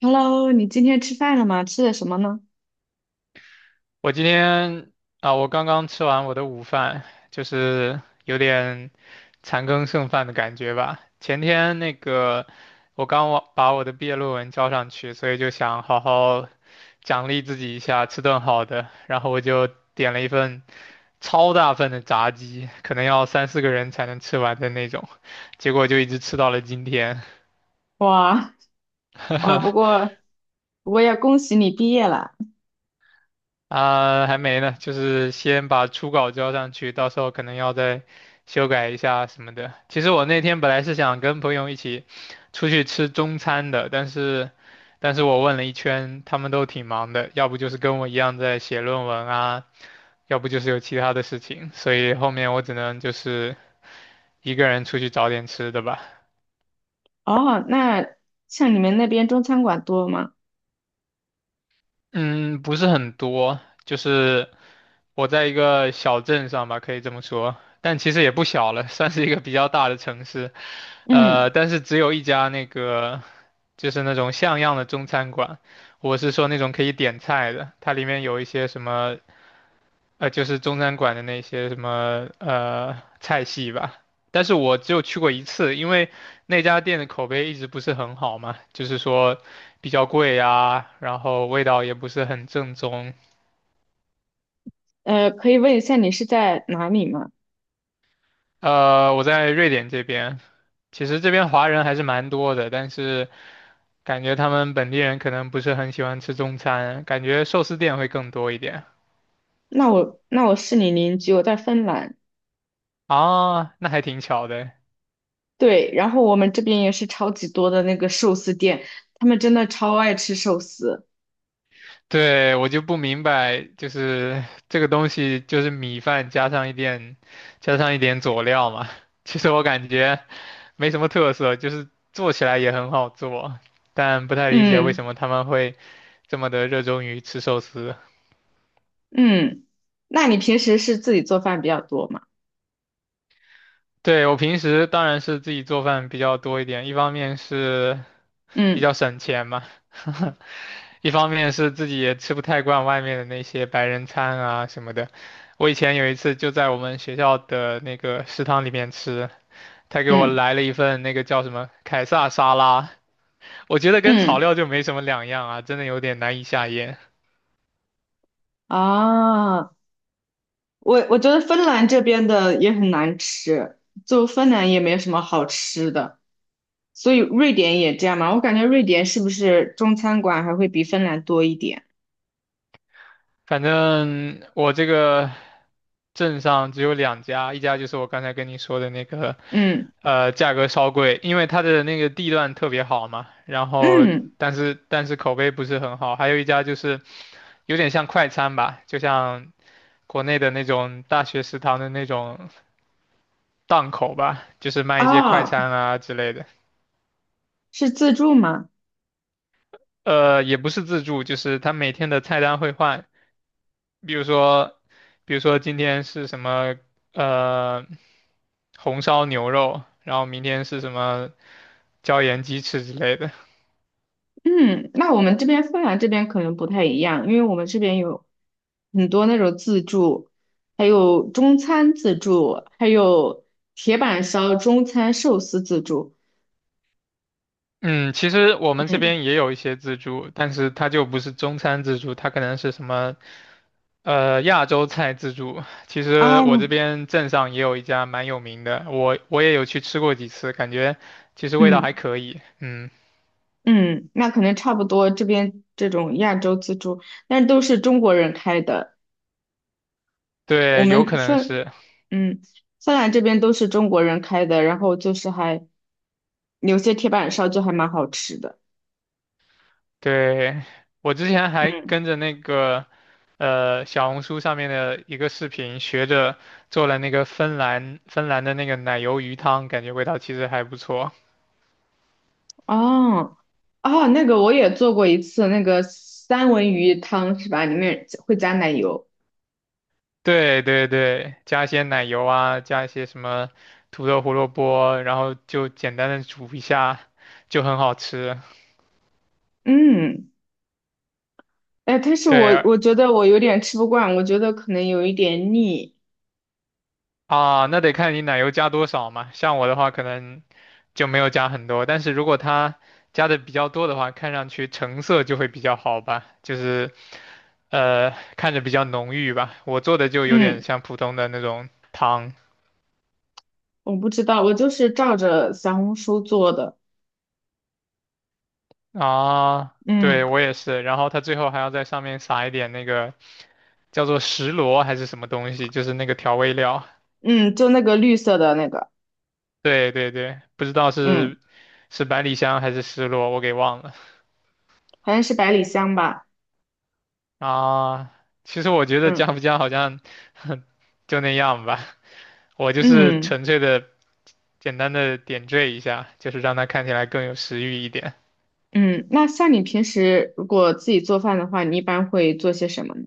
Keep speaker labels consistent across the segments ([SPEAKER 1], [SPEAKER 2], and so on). [SPEAKER 1] Hello，你今天吃饭了吗？吃的什么呢？
[SPEAKER 2] 我今天啊，我刚刚吃完我的午饭，就是有点残羹剩饭的感觉吧。前天那个，我刚完把我的毕业论文交上去，所以就想好好奖励自己一下，吃顿好的。然后我就点了一份超大份的炸鸡，可能要三四个人才能吃完的那种，结果就一直吃到了今天。
[SPEAKER 1] 哇哇，不 过不过要恭喜你毕业了。
[SPEAKER 2] 啊，还没呢，就是先把初稿交上去，到时候可能要再修改一下什么的。其实我那天本来是想跟朋友一起出去吃中餐的，但是我问了一圈，他们都挺忙的，要不就是跟我一样在写论文啊，要不就是有其他的事情，所以后面我只能就是一个人出去找点吃的吧。
[SPEAKER 1] 哦，那像你们那边中餐馆多吗？
[SPEAKER 2] 嗯，不是很多，就是我在一个小镇上吧，可以这么说，但其实也不小了，算是一个比较大的城市。
[SPEAKER 1] 嗯，
[SPEAKER 2] 但是只有一家那个就是那种像样的中餐馆，我是说那种可以点菜的，它里面有一些什么就是中餐馆的那些什么菜系吧。但是我只有去过一次，因为那家店的口碑一直不是很好嘛，就是说比较贵呀，然后味道也不是很正宗。
[SPEAKER 1] 可以问一下你是在哪里吗？
[SPEAKER 2] 我在瑞典这边，其实这边华人还是蛮多的，但是。感觉他们本地人可能不是很喜欢吃中餐，感觉寿司店会更多一点。
[SPEAKER 1] 那我是你邻居，我在芬兰。
[SPEAKER 2] 啊，那还挺巧的。
[SPEAKER 1] 对，然后我们这边也是超级多的那个寿司店，他们真的超爱吃寿司。
[SPEAKER 2] 对，我就不明白，就是这个东西就是米饭加上一点，加上一点佐料嘛。其实我感觉没什么特色，就是做起来也很好做，但不太理解为什
[SPEAKER 1] 嗯
[SPEAKER 2] 么他们会这么的热衷于吃寿司。
[SPEAKER 1] 嗯，那你平时是自己做饭比较多吗？
[SPEAKER 2] 对，我平时当然是自己做饭比较多一点，一方面是比
[SPEAKER 1] 嗯
[SPEAKER 2] 较省钱嘛。一方面是自己也吃不太惯外面的那些白人餐啊什么的。我以前有一次就在我们学校的那个食堂里面吃，他给我
[SPEAKER 1] 嗯
[SPEAKER 2] 来了一份那个叫什么凯撒沙拉，我觉得跟草
[SPEAKER 1] 嗯，
[SPEAKER 2] 料就没什么两样啊，真的有点难以下咽。
[SPEAKER 1] 啊。我觉得芬兰这边的也很难吃，就芬兰也没什么好吃的，所以瑞典也这样嘛。我感觉瑞典是不是中餐馆还会比芬兰多一点？
[SPEAKER 2] 反正我这个镇上只有两家，一家就是我刚才跟你说的那个，
[SPEAKER 1] 嗯
[SPEAKER 2] 价格稍贵，因为它的那个地段特别好嘛，然后
[SPEAKER 1] 嗯，
[SPEAKER 2] 但是口碑不是很好，还有一家就是有点像快餐吧，就像国内的那种大学食堂的那种档口吧，就是卖一些快
[SPEAKER 1] 啊，
[SPEAKER 2] 餐啊之类的。
[SPEAKER 1] 是自助吗？
[SPEAKER 2] 也不是自助，就是他每天的菜单会换，比如说，比如说今天是什么呃红烧牛肉，然后明天是什么椒盐鸡翅之类的。
[SPEAKER 1] 嗯，那我们这边芬兰这边可能不太一样，因为我们这边有很多那种自助，还有中餐自助，还有铁板烧、中餐寿司自助。
[SPEAKER 2] 嗯，其实我们这
[SPEAKER 1] 嗯
[SPEAKER 2] 边也有一些自助，但是它就不是中餐自助，它可能是什么亚洲菜自助。其实
[SPEAKER 1] 啊，
[SPEAKER 2] 我这边镇上也有一家蛮有名的，我也有去吃过几次，感觉其实味道
[SPEAKER 1] 嗯。
[SPEAKER 2] 还可以。嗯，
[SPEAKER 1] 嗯，那可能差不多，这边这种亚洲自助，但都是中国人开的。我
[SPEAKER 2] 对，有
[SPEAKER 1] 们
[SPEAKER 2] 可能
[SPEAKER 1] 芬，
[SPEAKER 2] 是。
[SPEAKER 1] 嗯，芬兰这边都是中国人开的，然后就是还有些铁板烧就还蛮好吃的。
[SPEAKER 2] 对，我之前还
[SPEAKER 1] 嗯，
[SPEAKER 2] 跟着那个小红书上面的一个视频，学着做了那个芬兰的那个奶油鱼汤，感觉味道其实还不错。
[SPEAKER 1] 哦，哦，那个我也做过一次，那个三文鱼汤是吧？里面会加奶油。
[SPEAKER 2] 对对对，加一些奶油啊，加一些什么土豆、胡萝卜，然后就简单的煮一下，就很好吃。
[SPEAKER 1] 嗯，哎，但是我
[SPEAKER 2] 对，
[SPEAKER 1] 我觉得我有点吃不惯，我觉得可能有一点腻。
[SPEAKER 2] 啊，那得看你奶油加多少嘛。像我的话，可能就没有加很多，但是如果它加的比较多的话，看上去成色就会比较好吧，就是呃看着比较浓郁吧。我做的就有点
[SPEAKER 1] 嗯，
[SPEAKER 2] 像普通的那种汤
[SPEAKER 1] 我不知道，我就是照着小红书做的。
[SPEAKER 2] 啊。
[SPEAKER 1] 嗯。
[SPEAKER 2] 对，我也是。然后它最后还要在上面撒一点那个叫做石螺还是什么东西，就是那个调味料。
[SPEAKER 1] 嗯，就那个绿色的那个，
[SPEAKER 2] 对对对，不知道
[SPEAKER 1] 嗯，
[SPEAKER 2] 是百里香还是石螺，我给忘了。
[SPEAKER 1] 好像是百里香吧，
[SPEAKER 2] 啊，其实我觉得
[SPEAKER 1] 嗯
[SPEAKER 2] 加不加好像 就那样吧，我就是
[SPEAKER 1] 嗯
[SPEAKER 2] 纯粹的简单的点缀一下，就是让它看起来更有食欲一点。
[SPEAKER 1] 嗯。那像你平时如果自己做饭的话，你一般会做些什么呢？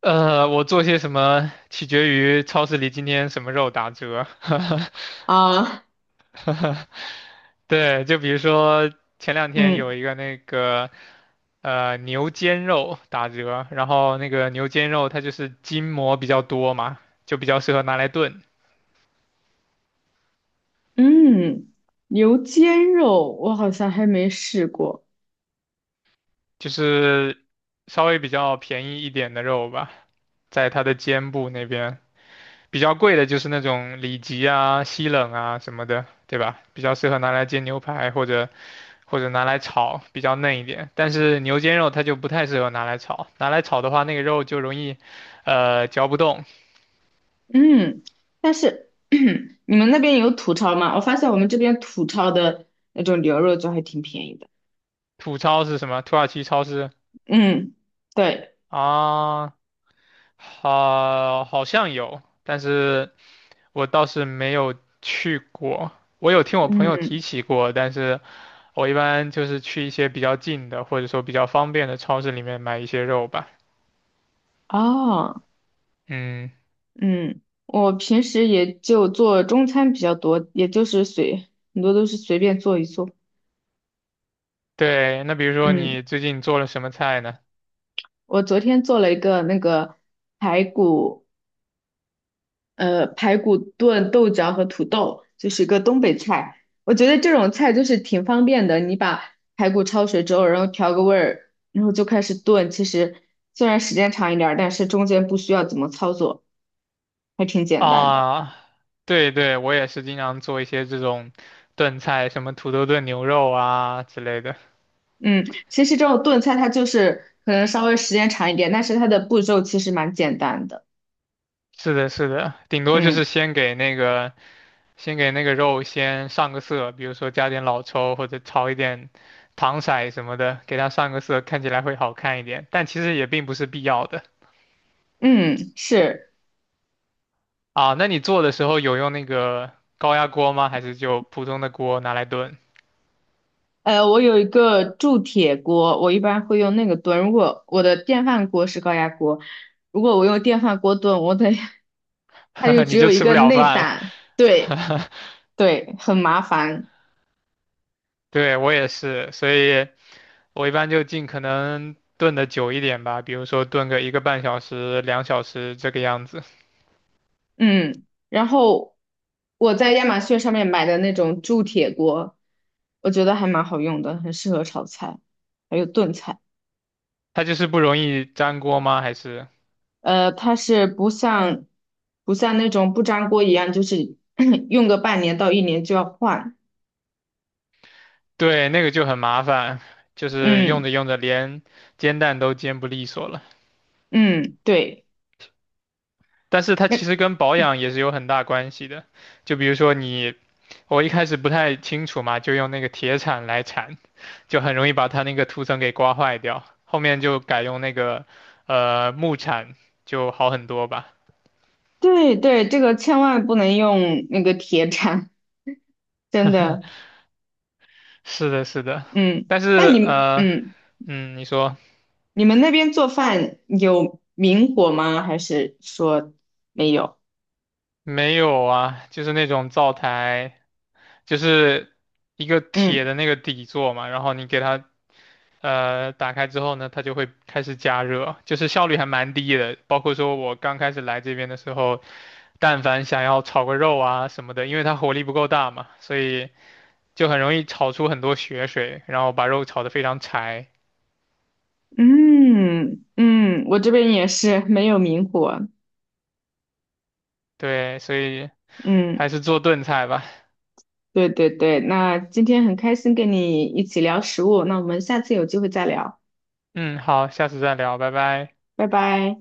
[SPEAKER 2] 我做些什么取决于超市里今天什么肉打折。
[SPEAKER 1] 啊，
[SPEAKER 2] 对，就比如说前两天有
[SPEAKER 1] 嗯
[SPEAKER 2] 一个那个牛肩肉打折，然后那个牛肩肉它就是筋膜比较多嘛，就比较适合拿来炖。
[SPEAKER 1] 嗯，牛肩肉我好像还没试过，
[SPEAKER 2] 就是稍微比较便宜一点的肉吧，在它的肩部那边。比较贵的就是那种里脊啊、西冷啊什么的，对吧？比较适合拿来煎牛排或者拿来炒，比较嫩一点。但是牛肩肉它就不太适合拿来炒，拿来炒的话，那个肉就容易，嚼不动。
[SPEAKER 1] 嗯，但是 你们那边有土超吗？我发现我们这边土超的那种牛肉就还挺便宜的，
[SPEAKER 2] 土超是什么？土耳其超市
[SPEAKER 1] 嗯，对，
[SPEAKER 2] 啊，好，好像有，但是。我倒是没有去过，我有听我朋友
[SPEAKER 1] 嗯，
[SPEAKER 2] 提起过，但是我一般就是去一些比较近的，或者说比较方便的超市里面买一些肉吧。
[SPEAKER 1] 哦。
[SPEAKER 2] 嗯，
[SPEAKER 1] 嗯，我平时也就做中餐比较多，也就是随，很多都是随便做一做。
[SPEAKER 2] 对，那比如说
[SPEAKER 1] 嗯，
[SPEAKER 2] 你最近做了什么菜呢？
[SPEAKER 1] 我昨天做了一个那个排骨，排骨炖豆角和土豆，就是一个东北菜。我觉得这种菜就是挺方便的，你把排骨焯水之后，然后调个味儿，然后就开始炖。其实虽然时间长一点儿，但是中间不需要怎么操作，还挺简单的。
[SPEAKER 2] 啊，对对，我也是经常做一些这种炖菜，什么土豆炖牛肉啊之类的。
[SPEAKER 1] 嗯，其实这种炖菜它就是可能稍微时间长一点，但是它的步骤其实蛮简单的。
[SPEAKER 2] 是的，是的，顶多就
[SPEAKER 1] 嗯
[SPEAKER 2] 是先给那个肉先上个色，比如说加点老抽或者炒一点糖色什么的，给它上个色，看起来会好看一点。但其实也并不是必要的
[SPEAKER 1] 嗯，是。
[SPEAKER 2] 啊。那你做的时候有用那个高压锅吗？还是就普通的锅拿来炖？
[SPEAKER 1] 我有一个铸铁锅，我一般会用那个炖。如果我的电饭锅是高压锅，如果我用电饭锅炖，我得 它就 只
[SPEAKER 2] 你就
[SPEAKER 1] 有一
[SPEAKER 2] 吃不
[SPEAKER 1] 个
[SPEAKER 2] 了
[SPEAKER 1] 内
[SPEAKER 2] 饭了。
[SPEAKER 1] 胆，对 对，很麻烦。
[SPEAKER 2] 对，我也是，所以我一般就尽可能炖的久一点吧，比如说炖个1个半小时、2小时这个样子。
[SPEAKER 1] 嗯，然后我在亚马逊上面买的那种铸铁锅，我觉得还蛮好用的，很适合炒菜，还有炖菜。
[SPEAKER 2] 它就是不容易粘锅吗？还是？
[SPEAKER 1] 它是不像那种不粘锅一样，就是 用个半年到一年就要换。
[SPEAKER 2] 对，那个就很麻烦，就是用
[SPEAKER 1] 嗯
[SPEAKER 2] 着用着连煎蛋都煎不利索了。
[SPEAKER 1] 嗯，对，
[SPEAKER 2] 但是它其
[SPEAKER 1] 那
[SPEAKER 2] 实跟保养也是有很大关系的，就比如说你，我一开始不太清楚嘛，就用那个铁铲来铲，就很容易把它那个涂层给刮坏掉。后面就改用那个木铲，就好很多吧。
[SPEAKER 1] 对对，这个千万不能用那个铁铲，真的。
[SPEAKER 2] 是的，是的，
[SPEAKER 1] 嗯，
[SPEAKER 2] 但
[SPEAKER 1] 那
[SPEAKER 2] 是
[SPEAKER 1] 你嗯，
[SPEAKER 2] 嗯，你说。
[SPEAKER 1] 你们那边做饭有明火吗？还是说没有？
[SPEAKER 2] 没有啊，就是那种灶台，就是一个铁
[SPEAKER 1] 嗯
[SPEAKER 2] 的那个底座嘛，然后你给它打开之后呢，它就会开始加热，就是效率还蛮低的。包括说我刚开始来这边的时候，但凡想要炒个肉啊什么的，因为它火力不够大嘛，所以就很容易炒出很多血水，然后把肉炒得非常柴。
[SPEAKER 1] 嗯嗯，我这边也是没有明火。
[SPEAKER 2] 对，所以
[SPEAKER 1] 嗯。
[SPEAKER 2] 还是做炖菜吧。
[SPEAKER 1] 对对对，那今天很开心跟你一起聊食物，那我们下次有机会再聊，
[SPEAKER 2] 嗯，好，下次再聊，拜拜。
[SPEAKER 1] 拜拜。